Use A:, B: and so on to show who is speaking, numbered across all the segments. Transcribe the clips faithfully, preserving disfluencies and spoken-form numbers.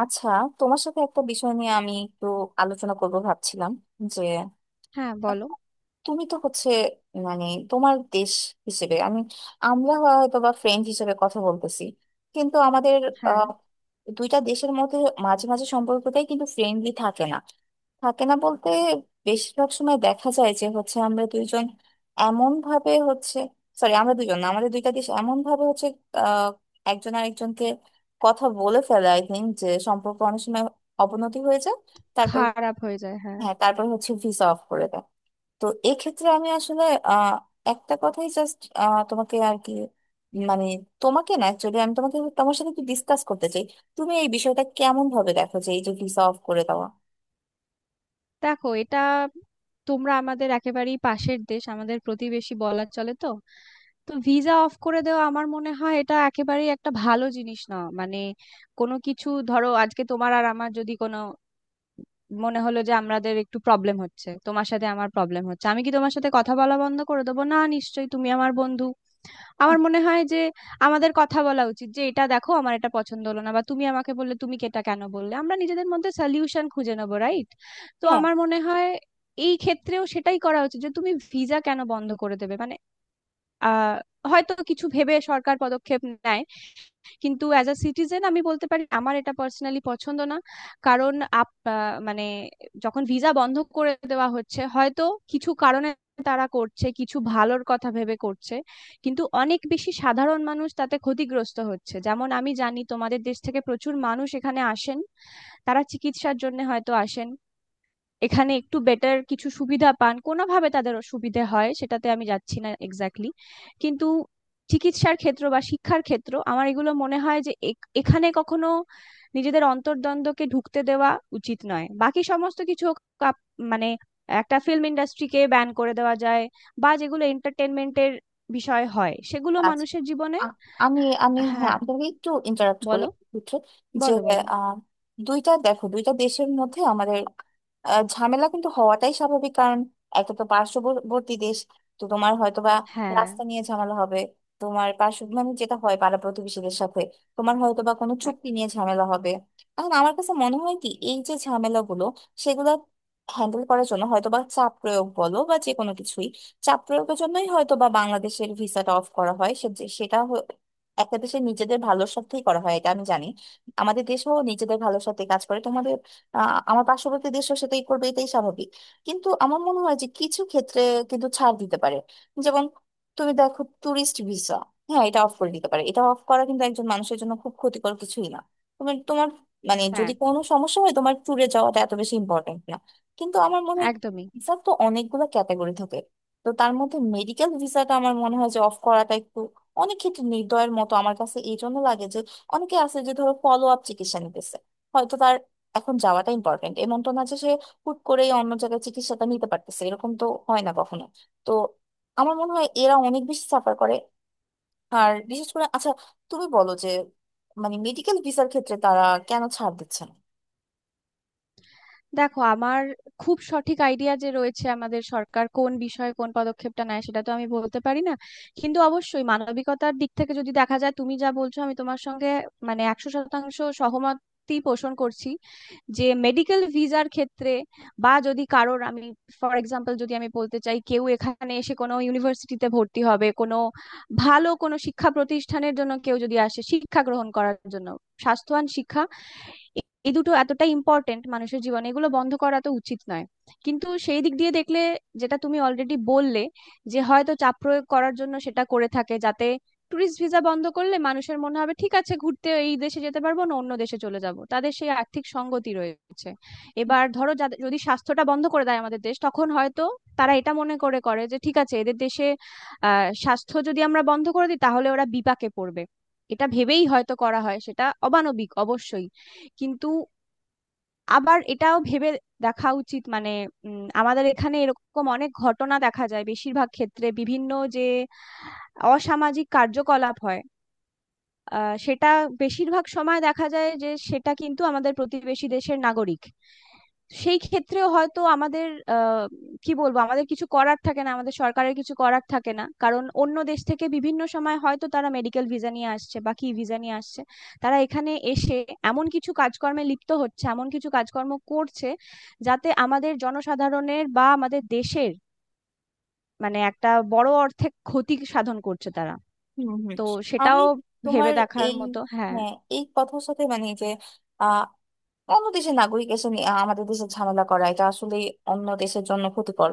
A: আচ্ছা, তোমার সাথে একটা বিষয় নিয়ে আমি একটু আলোচনা করব ভাবছিলাম যে
B: হ্যাঁ, বলো।
A: তুমি তো হচ্ছে, মানে তোমার দেশ হিসেবে আমি, আমরা হয়তো বা ফ্রেন্ড হিসেবে কথা বলতেছি, কিন্তু আমাদের
B: হ্যাঁ।
A: আহ, দুইটা দেশের মধ্যে মাঝে মাঝে সম্পর্কটাই কিন্তু ফ্রেন্ডলি থাকে না। থাকে না বলতে, বেশিরভাগ সময় দেখা যায় যে হচ্ছে আমরা দুইজন এমন ভাবে হচ্ছে, সরি আমরা দুজন না, আমাদের দুইটা দেশ এমন ভাবে হচ্ছে আহ, একজন আরেকজনকে কথা বলে ফেলে, আই থিঙ্ক যে সম্পর্ক অনেক সময় অবনতি হয়ে যায়। তারপর
B: খারাপ হয়ে যায়, হ্যাঁ।
A: হ্যাঁ, তারপর হচ্ছে ভিসা অফ করে দেয়। তো এক্ষেত্রে আমি আসলে আহ একটা কথাই জাস্ট তোমাকে, আর কি মানে তোমাকে না, অ্যাকচুয়ালি আমি তোমাকে, তোমার সাথে একটু ডিসকাস করতে চাই, তুমি এই বিষয়টা কেমন ভাবে দেখো যে এই যে ভিসা অফ করে দেওয়া।
B: দেখো, এটা, তোমরা আমাদের একেবারেই পাশের দেশ, আমাদের প্রতিবেশী বলা চলে তো। তো ভিসা অফ করে দেওয়া আমার মনে হয় এটা একেবারেই একটা ভালো জিনিস না, মানে কোনো কিছু ধরো, আজকে তোমার আর আমার যদি কোনো মনে হলো যে আমাদের একটু প্রবলেম হচ্ছে, তোমার সাথে আমার প্রবলেম হচ্ছে, আমি কি তোমার সাথে কথা বলা বন্ধ করে দেবো? না, নিশ্চয়ই তুমি আমার বন্ধু। আমার মনে হয় যে আমাদের কথা বলা উচিত, যে এটা দেখো, আমার এটা পছন্দ হলো না, বা তুমি আমাকে বললে তুমি এটা কেন বললে, আমরা নিজেদের মধ্যে সলিউশন খুঁজে নেবো, রাইট? তো
A: হ্যাঁ
B: আমার মনে হয় এই ক্ষেত্রেও সেটাই করা উচিত, যে তুমি ভিসা কেন বন্ধ করে দেবে, মানে আহ হয়তো কিছু ভেবে সরকার পদক্ষেপ নেয়, কিন্তু অ্যাজ আ সিটিজেন আমি বলতে পারি আমার এটা পার্সোনালি পছন্দ না। কারণ আপ আহ, মানে, যখন ভিসা বন্ধ করে দেওয়া হচ্ছে হয়তো কিছু কারণে, তারা করছে, কিছু ভালোর কথা ভেবে করছে, কিন্তু অনেক বেশি সাধারণ মানুষ তাতে ক্ষতিগ্রস্ত হচ্ছে। যেমন আমি জানি তোমাদের দেশ থেকে প্রচুর মানুষ এখানে আসেন, তারা চিকিৎসার জন্য হয়তো আসেন, এখানে একটু বেটার কিছু সুবিধা পান, কোনোভাবে তাদের সুবিধে হয়, সেটাতে আমি যাচ্ছি না এক্স্যাক্টলি। কিন্তু চিকিৎসার ক্ষেত্র বা শিক্ষার ক্ষেত্র, আমার এগুলো মনে হয় যে এ- এখানে কখনো নিজেদের অন্তর্দ্বন্দ্বকে ঢুকতে দেওয়া উচিত নয়। বাকি সমস্ত কিছু হোক, আপ- মানে, একটা ফিল্ম ইন্ডাস্ট্রিকে ব্যান করে দেওয়া যায়, বা যেগুলো এন্টারটেনমেন্টের বিষয় হয় সেগুলো
A: আচ্ছা।
B: মানুষের জীবনে...
A: আ- আমি আমি হ্যাঁ
B: হ্যাঁ,
A: আপনাকে একটু ইন্টারাপ্ট করি
B: বলো,
A: একটু, যে
B: বলো, বলো।
A: আহ, দুইটা দেখো দুইটা দেশের মধ্যে আমাদের আহ, ঝামেলা কিন্তু হওয়াটাই স্বাভাবিক, কারণ একটা তো পার্শ্ববর্তী দেশ। তো তোমার হয়তো বা
B: হ্যাঁ।
A: রাস্তা নিয়ে ঝামেলা হবে, তোমার পার্শ্ব মানে যেটা হয় পাড়া প্রতিবেশীদের সাথে, তোমার হয়তো বা কোনো চুক্তি
B: একদম।
A: নিয়ে ঝামেলা হবে। এখন আমার কাছে মনে হয় কি, এই যে ঝামেলাগুলো সেগুলো হ্যান্ডেল করার জন্য হয়তো বা চাপ প্রয়োগ বলো বা যে কোনো কিছুই, চাপ প্রয়োগের জন্যই হয়তো বা বাংলাদেশের ভিসাটা অফ করা হয়। সে যে- সেটা হ- একটা দেশের নিজেদের ভালোর স্বার্থেই করা হয়, এটা আমি জানি। আমাদের দেশও নিজেদের ভালোর স্বার্থে কাজ করে, তোমাদের আহ, আমার পার্শ্ববর্তী দেশও সেটাই করবে, এটাই স্বাভাবিক। কিন্তু আমার মনে হয় যে কিছু ক্ষেত্রে কিন্তু ছাড় দিতে পারে। যেমন তুমি দেখো ট্যুরিস্ট ভিসা, হ্যাঁ এটা অফ করে দিতে পারে, এটা অফ করা কিন্তু একজন মানুষের জন্য খুব ক্ষতিকর কিছুই না। তুমি তোমার মানে
B: হ্যাঁ।
A: যদি কোনো সমস্যা হয়, তোমার ট্যুরে যাওয়াটা এত বেশি ইম্পর্টেন্ট না। কিন্তু আমার মনে হয়
B: একদমই।
A: ভিসার তো অনেকগুলো ক্যাটাগরি থাকে, তো তার মধ্যে মেডিকেল ভিসাটা আমার মনে হয় যে অফ করাটা একটু অনেক ক্ষেত্রে নির্দয়ের মতো আমার কাছে এই জন্য লাগে যে অনেকে আছে যে ধরো ফলো আপ চিকিৎসা নিতেছে, হয়তো তার এখন যাওয়াটা ইম্পর্টেন্ট, এমন তো না যে সে হুট করেই অন্য জায়গায় চিকিৎসাটা নিতে পারতেছে, এরকম তো হয় না কখনো। তো আমার মনে হয় এরা অনেক বেশি সাফার করে। আর বিশেষ করে আচ্ছা, তুমি বলো যে মানে মেডিকেল ভিসার ক্ষেত্রে তারা কেন ছাড় দিচ্ছে না।
B: দেখো, আমার খুব সঠিক আইডিয়া যে রয়েছে আমাদের সরকার কোন বিষয়ে কোন পদক্ষেপটা নেয়, সেটা তো আমি বলতে পারি না, কিন্তু অবশ্যই মানবিকতার দিক থেকে যদি দেখা যায়, তুমি যা বলছো আমি তোমার সঙ্গে মানে একশো শতাংশ সহমতই পোষণ করছি। যে মেডিকেল ভিসার ক্ষেত্রে, বা যদি কারোর আমি ফর এক্সাম্পল যদি আমি বলতে চাই, কেউ এখানে এসে কোনো ইউনিভার্সিটিতে ভর্তি হবে, কোনো ভালো কোনো শিক্ষা প্রতিষ্ঠানের জন্য কেউ যদি আসে শিক্ষা গ্রহণ করার জন্য, স্বাস্থ্যবান শিক্ষা, এই দুটো এতটা ইম্পর্টেন্ট মানুষের জীবনে, এগুলো বন্ধ করা তো উচিত নয়। কিন্তু সেই দিক দিয়ে দেখলে, যেটা তুমি অলরেডি বললে, যে হয়তো চাপ প্রয়োগ করার জন্য সেটা করে থাকে, যাতে টুরিস্ট ভিসা বন্ধ করলে মানুষের মনে হবে ঠিক আছে, ঘুরতে এই দেশে যেতে পারবো না, অন্য দেশে চলে যাব, তাদের সেই আর্থিক সঙ্গতি রয়েছে। এবার ধরো, যাদের- যদি স্বাস্থ্যটা বন্ধ করে দেয় আমাদের দেশ, তখন হয়তো তারা এটা মনে করে করে যে ঠিক আছে, এদের দেশে আহ স্বাস্থ্য যদি আমরা বন্ধ করে দিই তাহলে ওরা বিপাকে পড়বে, এটা ভেবেই হয়তো করা হয়। সেটা অমানবিক অবশ্যই, কিন্তু আবার এটাও ভেবে দেখা উচিত, মানে উম, আমাদের এখানে এরকম অনেক ঘটনা দেখা যায় বেশিরভাগ ক্ষেত্রে, বিভিন্ন যে অসামাজিক কার্যকলাপ হয়, আহ, সেটা বেশিরভাগ সময় দেখা যায় যে সেটা কিন্তু আমাদের প্রতিবেশী দেশের নাগরিক। সেই ক্ষেত্রেও হয়তো আমাদের আহ কি বলবো, আমাদের কিছু করার থাকে না, আমাদের সরকারের কিছু করার থাকে না, কারণ অন্য দেশ থেকে বিভিন্ন সময় হয়তো তারা মেডিকেল ভিসা নিয়ে আসছে বা কি ভিসা নিয়ে আসছে, তারা এখানে এসে এমন কিছু কাজকর্মে লিপ্ত হচ্ছে, এমন কিছু কাজকর্ম করছে, যাতে আমাদের জনসাধারণের বা আমাদের দেশের মানে একটা বড় অর্থে ক্ষতি সাধন করছে তারা।
A: হুম, হুম।
B: তো
A: আমি
B: সেটাও ভেবে
A: তোমার
B: দেখার
A: এই,
B: মতো, হ্যাঁ।
A: হ্যাঁ এই কথার সাথে মানে যে অন্য দেশের নাগরিক এসে নি- আহ, আমাদের দেশে ঝামেলা করা এটা আসলে অন্য দেশের জন্য ক্ষতিকর,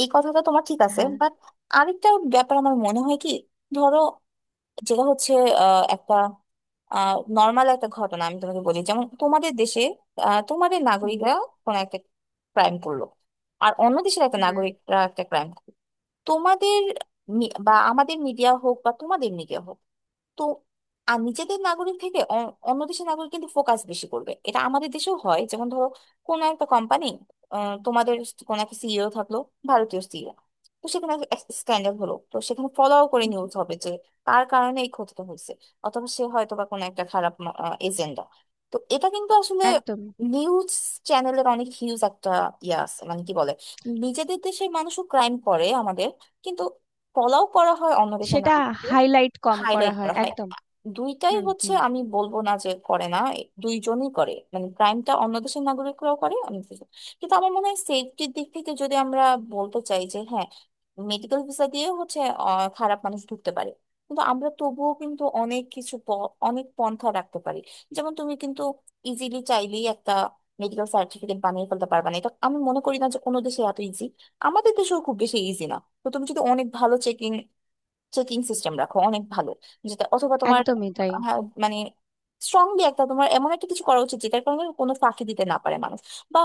A: এই কথাটা তোমার ঠিক আছে,
B: হ্যাঁ।
A: বাট আরেকটা ব্যাপার আমার মনে হয় কি, ধরো যেটা হচ্ছে আহ, একটা নর্মাল একটা ঘটনা আমি তোমাকে বলি, যেমন তোমাদের দেশে আহ, তোমাদের
B: হুম,
A: নাগরিকরা কোনো একটা ক্রাইম করলো, আর অন্য দেশের একটা
B: হুম।
A: নাগরিকরা একটা ক্রাইম, তোমাদের মি- বা আমাদের মিডিয়া হোক বা তোমাদের মিডিয়া হোক, তো আর নিজেদের নাগরিক থেকে অ- অন্য দেশের নাগরিক কিন্তু ফোকাস বেশি করবে। এটা আমাদের দেশেও হয়, যেমন ধরো কোনো একটা কোম্পানি, তোমাদের কোনো একটা সিইও থাকলো, ভারতীয় সিইও, তো সেখানে স্ক্যান্ডাল হলো, তো সেখানে ফলো করে নিউজ হবে যে তার কারণে এই ক্ষতিটা হয়েছে, অথবা সে হয়তো বা কোনো একটা খারাপ এজেন্ডা। তো এটা কিন্তু আসলে
B: একদম।
A: নিউজ চ্যানেলের অনেক হিউজ একটা ইয়ে আছে, মানে কি বলে, নিজেদের দেশের মানুষও ক্রাইম করে আমাদের, কিন্তু ফলাও করা হয় অন্য দেশের
B: সেটা
A: নাগরিককেও,
B: হাইলাইট কম করা
A: হাইলাইট
B: হয়,
A: করা হয়।
B: একদম।
A: দুইটাই
B: হুম,
A: হচ্ছে,
B: হুম।
A: আমি বলবো না যে করে না, এ দুইজনই করে মানে ক্রাইমটা অন্য দেশের নাগরিকরাও করে, অন্য দেশের- কিন্তু আমার মনে হয় সেফটির দিক থেকে যদি আমরা বলতে চাই যে হ্যাঁ, মেডিকেল ভিসা দিয়ে হচ্ছে আহ, খারাপ মানুষ ঢুকতে পারে, কিন্তু আমরা তবুও কিন্তু অনেক কিছু প- অনেক পন্থা রাখতে পারি। যেমন তুমি কিন্তু ইজিলি চাইলেই একটা মেডিকেল সার্টিফিকেট বানিয়ে ফেলতে পারবে না, এটা আমি মনে করি না যে কোনো দেশে এত ইজি, আমাদের দেশেও খুব বেশি ইজি না। তো তুমি যদি অনেক ভালো চেকিং চেকিং সিস্টেম রাখো, অনেক ভালো যেটা, অথবা তোমার
B: একদমই তাই।
A: হ্যাঁ, মানে স্ট্রংলি একটা তোমার এমন একটা কিছু করা উচিত যেটার কারণে কোনো ফাঁকি দিতে না পারে মানুষ, বা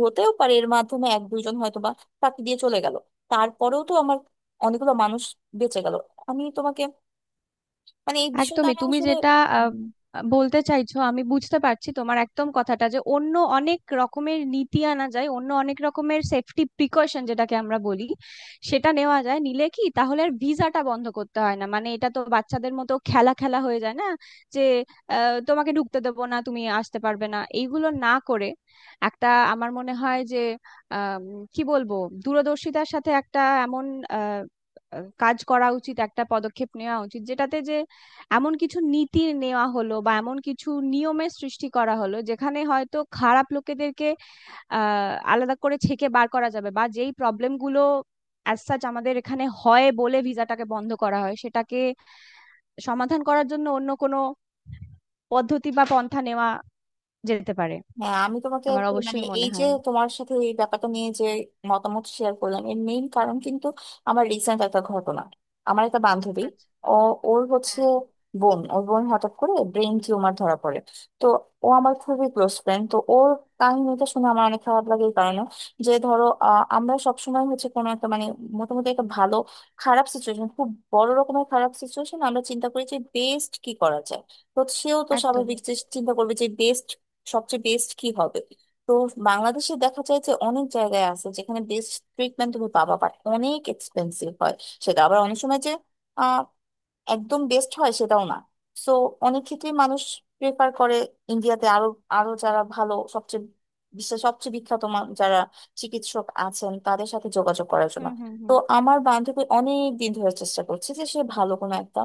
A: হতেও পারে এর মাধ্যমে এক দুইজন হয়তো বা ফাঁকি দিয়ে চলে গেল, তারপরেও তো আমার অনেকগুলো মানুষ বেঁচে গেল। আমি তোমাকে মানে এই বিষয়টা
B: একদমই,
A: আমি
B: তুমি
A: আসলে,
B: যেটা আহ, বলতে চাইছো আমি বুঝতে পারছি তোমার একদম কথাটা, যে অন্য অনেক রকমের নীতি আনা যায়, অন্য অনেক রকমের সেফটি প্রিকশন যেটাকে আমরা বলি, সেটা নেওয়া যায়, নিলে কি তাহলে আর ভিসাটা বন্ধ করতে হয় না? মানে এটা তো বাচ্চাদের মতো খেলা খেলা হয়ে যায়, না যে আহ, তোমাকে ঢুকতে দেবো না, তুমি আসতে পারবে না, এইগুলো না করে একটা আমার মনে হয় যে আম, কি বলবো, দূরদর্শিতার সাথে একটা এমন আহ, আহ, কাজ করা উচিত, একটা পদক্ষেপ নেওয়া উচিত যেটাতে যে এমন কিছু নীতি নেওয়া হলো বা এমন কিছু নিয়মের সৃষ্টি করা হলো যেখানে হয়তো খারাপ লোকেদেরকে আহ আলাদা করে ছেঁকে বার করা যাবে, বা যেই প্রবলেম গুলো অ্যাজ সাচ আমাদের এখানে হয় বলে ভিসাটাকে বন্ধ করা হয় সেটাকে সমাধান করার জন্য অন্য কোনো পদ্ধতি বা পন্থা নেওয়া যেতে পারে।
A: হ্যাঁ আমি তোমাকে
B: আমার
A: আসলে মানে
B: অবশ্যই
A: এই
B: মনে
A: যে
B: হয়।
A: তোমার সাথে এই ব্যাপারটা নিয়ে যে মতামত শেয়ার করলাম এর মেইন কারণ কিন্তু আমার রিসেন্ট একটা ঘটনা। আমার একটা বান্ধবী,
B: আচ্ছা।
A: ও ওর হচ্ছে
B: হ্যাঁ।
A: বোন, ওর বোন হঠাৎ করে ব্রেন টিউমার ধরা পড়ে। তো ও আমার খুবই ক্লোজ ফ্রেন্ড, তো ওর কাহিনীটা শুনে আমার অনেক খারাপ লাগে এই কারণে যে ধরো আহ, আমরা সবসময় হচ্ছে কোনো একটা মানে মোটামুটি একটা ভালো খারাপ সিচুয়েশন, খুব বড় রকমের খারাপ সিচুয়েশন আমরা চিন্তা করি যে বেস্ট কি করা যায়। তো সেও তো
B: একদম।
A: স্বাভাবিক যে চিন্তা করবে যে বেস্ট, সবচেয়ে বেস্ট কি হবে। তো বাংলাদেশে দেখা যায় যে অনেক জায়গায় আছে যেখানে বেস্ট ট্রিটমেন্ট তুমি পাবা, বাট অনেক এক্সপেন্সিভ হয়। সেটা আবার অনেক সময় যে আহ, একদম বেস্ট হয় সেটাও না। সো অনেক ক্ষেত্রেই মানুষ প্রেফার করে ইন্ডিয়াতে, আরো আরো যারা ভালো সবচেয়ে, বিশ্বের সবচেয়ে বিখ্যাত মা- যারা চিকিৎসক আছেন তাদের সাথে যোগাযোগ করার জন্য।
B: হুম, হুম,
A: তো
B: হুম।
A: আমার বান্ধবী অনেক দিন ধরে চেষ্টা করছে যে সে ভালো কোনো একটা,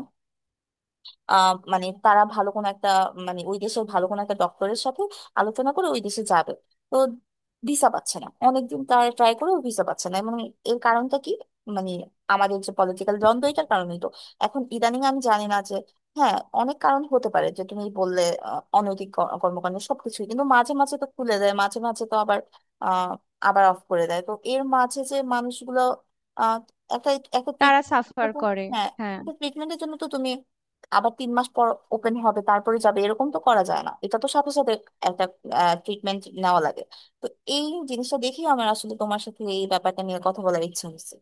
A: আহ মানে তারা ভালো কোনো একটা মানে ওই দেশের ভালো কোনো একটা ডক্টরের সাথে আলোচনা করে ওই দেশে যাবে। তো ভিসা পাচ্ছে না, অনেকদিন তারা ট্রাই করেও ভিসা পাচ্ছে না, এবং এর কারণটা কি? মানে আমাদের যে পলিটিক্যাল দ্বন্দ্ব এটার কারণেই তো। এখন ইদানিং আমি জানি না যে, হ্যাঁ অনেক কারণ হতে পারে যে তুমি বললে আহ, অনৈতিক ক- কর্মকাণ্ড সবকিছুই, কিন্তু মাঝে মাঝে তো খুলে দেয়, মাঝে মাঝে তো আবার আহ আবার অফ করে দেয়। তো এর মাঝে যে মানুষগুলো আহ একটা, একটা
B: তারা সাফার
A: treatment-
B: করে।
A: হ্যাঁ,
B: হ্যাঁ।
A: একটা ট্রিটমেন্টের জন্য তো তুমি আবার তিন মাস পর ওপেন হবে তারপরে যাবে এরকম তো করা যায় না, এটা তো সাথে সাথে একটা ট্রিটমেন্ট নেওয়া লাগে। তো এই জিনিসটা দেখেই আমার আসলে তোমার সাথে এই ব্যাপারটা নিয়ে কথা বলার ইচ্ছা হচ্ছে।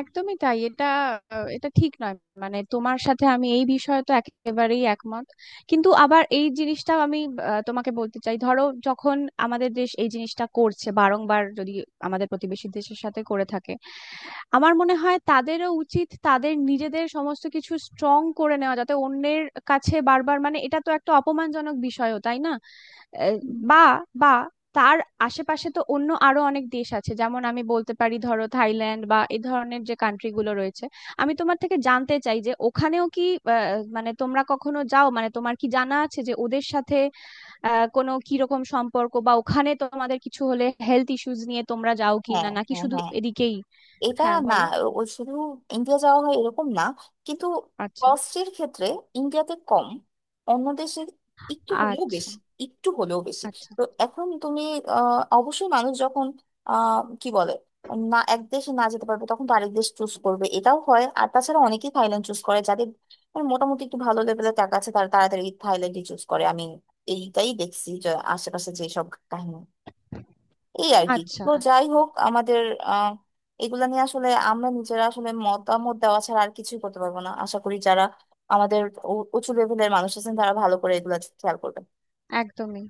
B: একদমই তাই। এটা আহ, এটা ঠিক নয়, মানে তোমার সাথে আমি এই বিষয়ে তো একেবারেই একমত, কিন্তু আবার এই জিনিসটাও আমি আহ, তোমাকে বলতে চাই, ধরো যখন আমাদের দেশ এই জিনিসটা করছে বারংবার, যদি আমাদের প্রতিবেশী দেশের সাথে করে থাকে, আমার মনে হয় তাদেরও উচিত তাদের নিজেদের সমস্ত কিছু স্ট্রং করে নেওয়া, যাতে অন্যের কাছে বারবার, মানে এটা তো একটা অপমানজনক বিষয়ও, তাই না? আহ,
A: হুম।
B: বা বা তার আশেপাশে তো অন্য আরো অনেক দেশ আছে, যেমন আমি বলতে পারি ধরো থাইল্যান্ড বা এই ধরনের যে কান্ট্রি গুলো রয়েছে। আমি তোমার থেকে জানতে চাই যে ওখানেও কি আহ, মানে তোমরা কখনো যাও, মানে তোমার কি জানা আছে যে ওদের সাথে আহ, কোনো কিরকম সম্পর্ক, বা ওখানে তোমাদের কিছু হলে হেলথ ইস্যুজ নিয়ে তোমরা যাও কি
A: হ্যাঁ,
B: না, নাকি
A: হ্যাঁ,
B: শুধু
A: হ্যাঁ,
B: এদিকেই?
A: এটা
B: হ্যাঁ,
A: না,
B: বলো।
A: ও শুধু ইন্ডিয়া যাওয়া হয় এরকম না, কিন্তু
B: আচ্ছা।
A: কস্টের ক্ষেত্রে ইন্ডিয়াতে কম, অন্য দেশে একটু হলেও
B: আচ্ছা।
A: বেশি, একটু হলেও বেশি।
B: আচ্ছা।
A: তো এখন তুমি আহ, অবশ্যই মানুষ যখন আহ, কি বলে, না এক দেশে না যেতে পারবে তখন তো আরেক দেশ চুজ করবে, এটাও হয়। আর তাছাড়া অনেকেই থাইল্যান্ড চুজ করে যাদের মানে মোটামুটি একটু ভালো লেভেলের টাকা আছে, তারা তাড়াতাড়ি থাইল্যান্ডই চুজ করে। আমি এইটাই দেখছি যে আশেপাশে যেসব কাহিনী এই আর কি।
B: আচ্ছা।
A: তো যাই
B: আচ্ছা।
A: হোক আমাদের আহ এগুলা নিয়ে আসলে আমরা নিজেরা আসলে মতামত দেওয়া ছাড়া আর কিছুই করতে পারবো না। আশা করি যারা আমাদের উ- উঁচু লেভেলের মানুষ আছেন তারা ভালো করে এগুলা খেয়াল করবে।
B: একদমই।